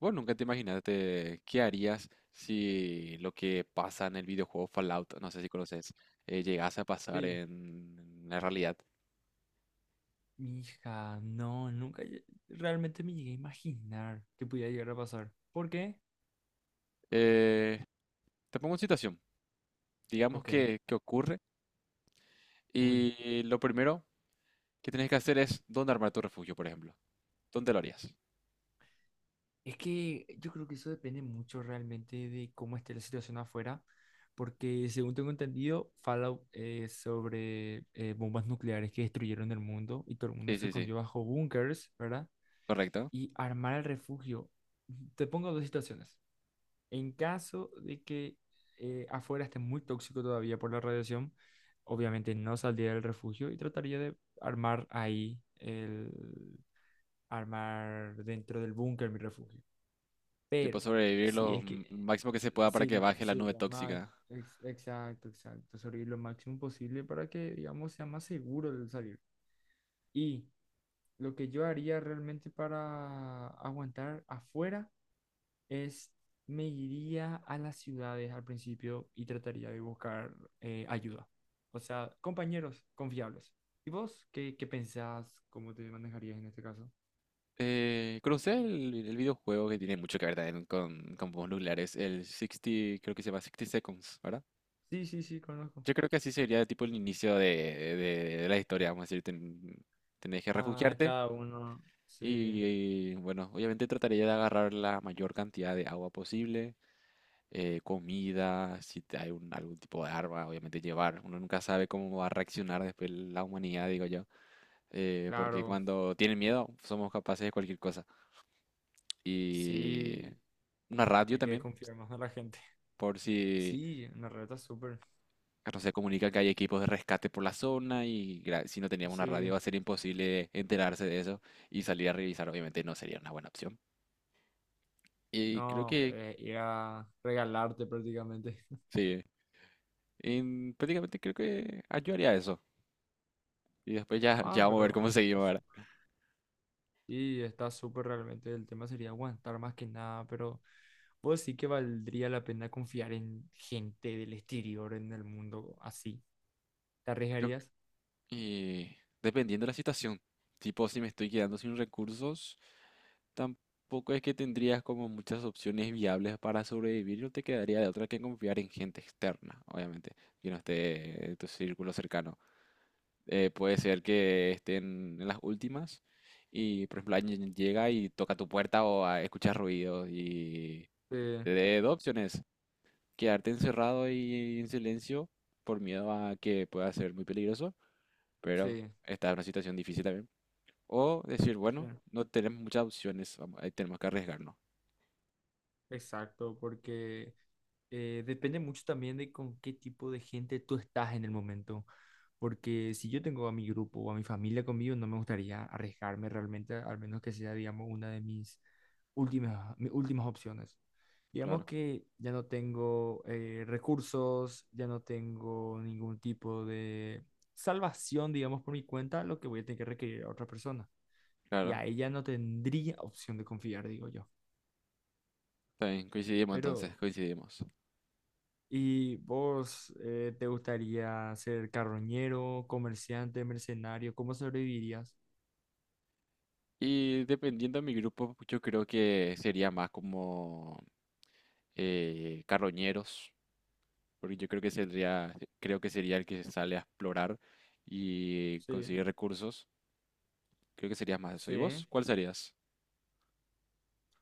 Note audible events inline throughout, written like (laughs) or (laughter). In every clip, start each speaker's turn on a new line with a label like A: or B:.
A: ¿Vos nunca te imaginaste qué harías si lo que pasa en el videojuego Fallout, no sé si conoces, llegase a pasar
B: Sí.
A: en la realidad?
B: Hija, no, nunca realmente me llegué a imaginar que pudiera llegar a pasar. ¿Por qué?
A: Eh, Te pongo en situación. Digamos
B: Ok,
A: que ocurre
B: uy.
A: y lo primero que tenés que hacer es dónde armar tu refugio, por ejemplo. ¿Dónde lo harías?
B: Es que yo creo que eso depende mucho realmente de cómo esté la situación afuera, porque según tengo entendido, Fallout es sobre bombas nucleares que destruyeron el mundo y todo el mundo
A: Sí,
B: se
A: sí, sí.
B: escondió bajo búnkers, ¿verdad?
A: Correcto.
B: Y armar el refugio. Te pongo dos situaciones. En caso de que afuera esté muy tóxico todavía por la radiación, obviamente no saldría del refugio y trataría de armar ahí, armar dentro del búnker mi refugio.
A: Tipo
B: Pero
A: sobrevivir
B: si es que,
A: máximo que se pueda para que baje la
B: sí,
A: nube
B: lo más,
A: tóxica.
B: exacto, exacto, sobrevivir lo máximo posible para que, digamos, sea más seguro el salir. Y lo que yo haría realmente para aguantar afuera es me iría a las ciudades al principio y trataría de buscar ayuda. O sea, compañeros confiables. ¿Y vos qué pensás? ¿Cómo te manejarías en este caso?
A: ¿Conocés el videojuego que tiene mucho que ver también con bombas nucleares? El 60, creo que se llama 60 Seconds, ¿verdad?
B: Sí, sí, sí, conozco.
A: Yo creo que así sería tipo el inicio de la historia, vamos a decir, tenés que
B: Ah,
A: refugiarte
B: cada uno, sí,
A: y, bueno, obviamente trataría de agarrar la mayor cantidad de agua posible, comida, si te- hay algún tipo de arma, obviamente llevar. Uno nunca sabe cómo va a reaccionar después la humanidad, digo yo, porque
B: claro.
A: cuando tienen miedo somos capaces de cualquier cosa. Y
B: Sí,
A: una radio
B: hay que
A: también,
B: confiar más en la gente. (laughs)
A: por si
B: Sí, en la reta súper.
A: se comunica que hay equipos de rescate por la zona si no teníamos una radio
B: Sí,
A: va a ser imposible enterarse de eso y salir a revisar obviamente no sería una buena opción. Y creo
B: no,
A: que
B: ir a regalarte prácticamente.
A: sí, prácticamente creo que yo haría eso y después
B: Ah,
A: ya vamos a ver
B: pero
A: cómo seguimos,
B: pues,
A: ¿verdad?
B: y está súper realmente, el tema sería aguantar más que nada, pero pues sí que valdría la pena confiar en gente del exterior, en el mundo así. ¿Te
A: Yo,
B: arriesgarías?
A: y dependiendo de la situación, tipo si me estoy quedando sin recursos, tampoco es que tendrías como muchas opciones viables para sobrevivir, no te quedaría de otra que confiar en gente externa, obviamente, que no esté en tu círculo cercano. Eh, puede ser que estén en las últimas y, por ejemplo, alguien llega y toca tu puerta o escuchas ruido y
B: Sí,
A: te dé dos opciones, quedarte encerrado y en silencio por miedo a que pueda ser muy peligroso, pero
B: sí,
A: esta es una situación difícil también. O decir,
B: sí.
A: bueno, no tenemos muchas opciones, ahí tenemos que arriesgarnos.
B: Exacto, porque depende mucho también de con qué tipo de gente tú estás en el momento. Porque si yo tengo a mi grupo o a mi familia conmigo, no me gustaría arriesgarme realmente, al menos que sea, digamos, una de mis últimas opciones. Digamos
A: Claro,
B: que ya no tengo recursos, ya no tengo ningún tipo de salvación, digamos, por mi cuenta, lo que voy a tener que requerir a otra persona. Y
A: claro,
B: a ella no tendría opción de confiar, digo yo.
A: está bien, coincidimos
B: Pero
A: entonces, coincidimos.
B: ¿y vos te gustaría ser carroñero, comerciante, mercenario? ¿Cómo sobrevivirías?
A: Y dependiendo de mi grupo, yo creo que sería más como carroñeros, porque yo creo que sería el que sale a explorar y
B: Sí,
A: conseguir recursos. Creo que serías más eso. ¿Y
B: sí.
A: vos? ¿Cuál serías?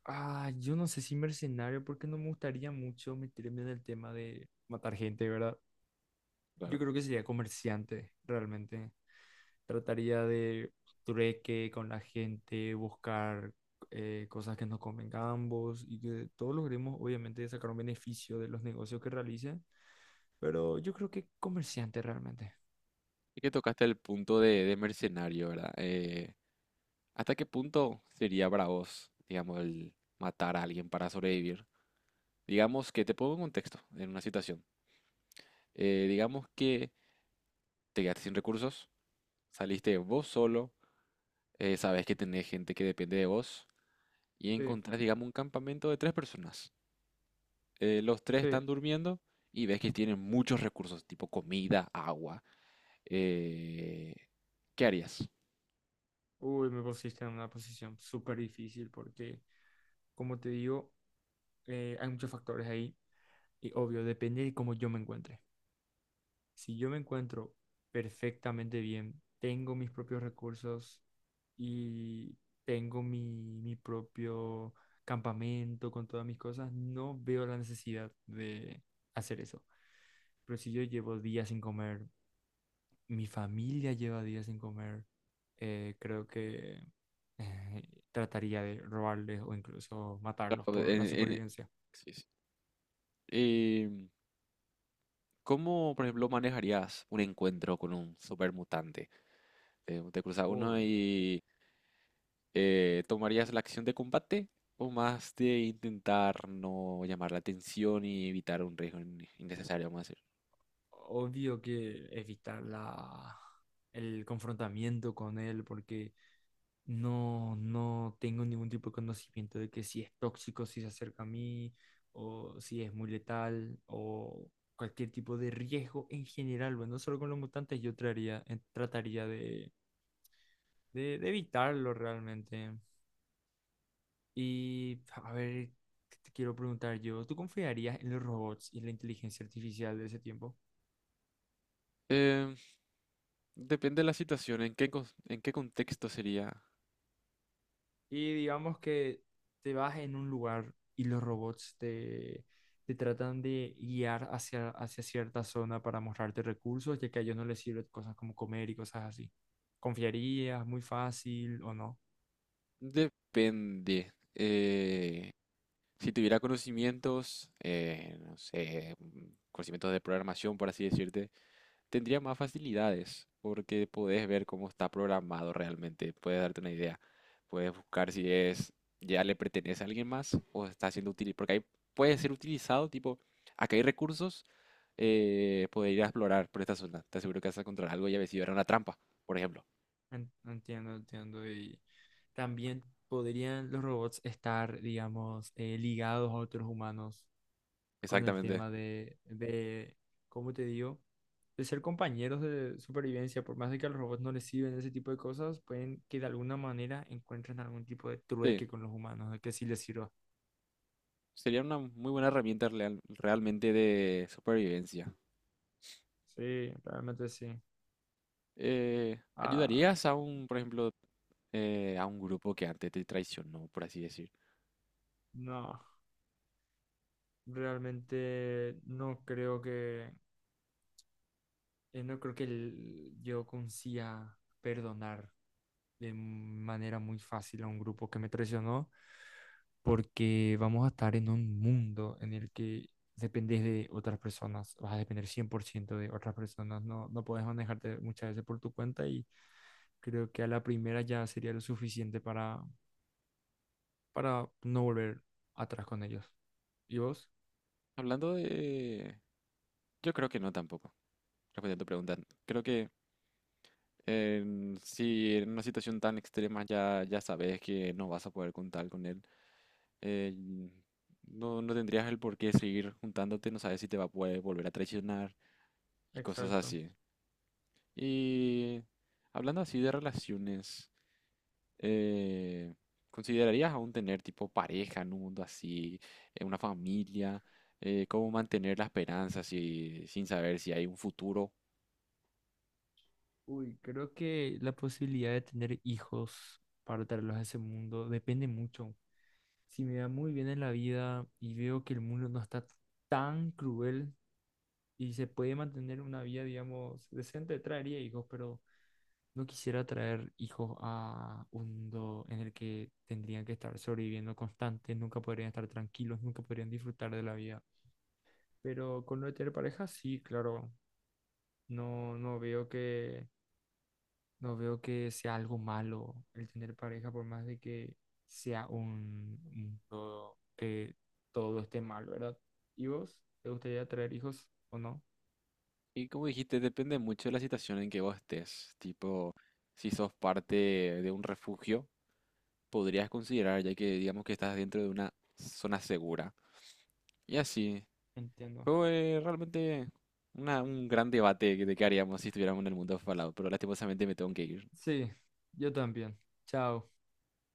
B: Ah, yo no sé si mercenario, porque no me gustaría mucho meterme en el tema de matar gente, ¿verdad?
A: Claro.
B: Yo creo que sería comerciante, realmente. Trataría de trueque con la gente, buscar cosas que nos convengan a ambos y que todos logremos, obviamente, sacar un beneficio de los negocios que realicen. Pero yo creo que comerciante, realmente.
A: Es que tocaste el punto de mercenario, ¿verdad? ¿Hasta qué punto sería para vos, digamos, el matar a alguien para sobrevivir? Digamos que te pongo en contexto, en una situación. Digamos que te quedaste sin recursos, saliste vos solo, sabes que tenés gente que depende de vos y
B: Sí.
A: encontrás, digamos, un campamento de tres personas. Los tres
B: Sí,
A: están durmiendo y ves que tienen muchos recursos, tipo comida, agua. eh, ¿Qué harías?
B: uy, me pusiste en una posición súper difícil porque, como te digo, hay muchos factores ahí y obvio, depende de cómo yo me encuentre. Si yo me encuentro perfectamente bien, tengo mis propios recursos y tengo mi propio campamento con todas mis cosas, no veo la necesidad de hacer eso. Pero si yo llevo días sin comer, mi familia lleva días sin comer, creo que eh, trataría de robarles o incluso matarlos
A: Claro,
B: por la
A: en-
B: supervivencia.
A: sí, sí. Eh, ¿Cómo, por ejemplo, manejarías un encuentro con un supermutante? ¿Te cruzas uno
B: Obvio,
A: y tomarías la acción de combate? ¿O más de intentar no llamar la atención y evitar un riesgo innecesario, vamos a decir?
B: obvio que evitar el confrontamiento con él porque no, no tengo ningún tipo de conocimiento de que si es tóxico, si se acerca a mí o si es muy letal o cualquier tipo de riesgo en general. Bueno, no solo con los mutantes, yo traería, trataría de, evitarlo realmente. Y a ver, ¿qué te quiero preguntar yo? ¿Tú confiarías en los robots y en la inteligencia artificial de ese tiempo?
A: Eh, Depende de la situación, en qué contexto sería.
B: Y digamos que te vas en un lugar y los robots te, te tratan de guiar hacia, hacia cierta zona para mostrarte recursos, ya que a ellos no les sirven cosas como comer y cosas así. ¿Confiarías muy fácil o no?
A: Depende. Eh, si tuviera conocimientos, no sé, conocimientos de programación, por así decirte. Tendría más facilidades porque podés ver cómo está programado realmente, puedes darte una idea, puedes buscar si es ya le pertenece a alguien más o está siendo utilizado, porque ahí puede ser utilizado, tipo, acá hay recursos, poder ir a explorar por esta zona, te aseguro que vas a encontrar algo y a ver si era una trampa, por ejemplo.
B: En- Entiendo, entiendo. Y también podrían los robots estar, digamos, ligados a otros humanos con el
A: Exactamente.
B: tema ¿cómo te digo? De ser compañeros de supervivencia, por más de que a los robots no les sirven ese tipo de cosas, pueden que de alguna manera encuentren algún tipo de
A: Sí,
B: trueque con los humanos, de que sí les sirva.
A: sería una muy buena realmente de supervivencia.
B: Sí, realmente sí. Ah,
A: ¿Ayudarías a un, por ejemplo, a un grupo que antes te traicionó, por así decir?
B: no, realmente no creo que yo consiga perdonar de manera muy fácil a un grupo que me traicionó porque vamos a estar en un mundo en el que dependes de otras personas, vas a depender 100% de otras personas, no, no puedes manejarte muchas veces por tu cuenta y creo que a la primera ya sería lo suficiente para no volver atrás con ellos. ¿Y vos?
A: Hablando de... Yo creo que no tampoco, respondiendo a tu pregunta. Creo que si en una situación tan extrema ya, ya sabes que no vas a poder contar con él, eh, no, no tendrías el por qué seguir juntándote, no sabes si te va a poder volver a traicionar y cosas
B: Exacto.
A: así. Y hablando así de relaciones, eh, ¿considerarías aún tener tipo pareja en un mundo así, una familia? ¿Cómo mantener la esperanza sin saber si hay un futuro?
B: Uy, creo que la posibilidad de tener hijos para traerlos a ese mundo depende mucho. Si me va muy bien en la vida y veo que el mundo no está tan cruel y se puede mantener una vida, digamos, decente, traería hijos, pero no quisiera traer hijos a un mundo en el que tendrían que estar sobreviviendo constantes, nunca podrían estar tranquilos, nunca podrían disfrutar de la vida. Pero con lo de tener pareja, sí, claro, no, no veo que, no veo que sea algo malo el tener pareja, por más de que sea un mundo que todo esté mal, ¿verdad? ¿Y vos? ¿Te gustaría traer hijos o no?
A: Y como dijiste, depende mucho de la situación en que vos estés. Tipo, si sos parte de un refugio, podrías considerar, ya que digamos que estás dentro de una zona segura. Y así,
B: Entiendo.
A: fue realmente un gran debate de qué haríamos si estuviéramos en el mundo Fallout, pero lastimosamente me tengo que ir.
B: Sí, yo también. Chao.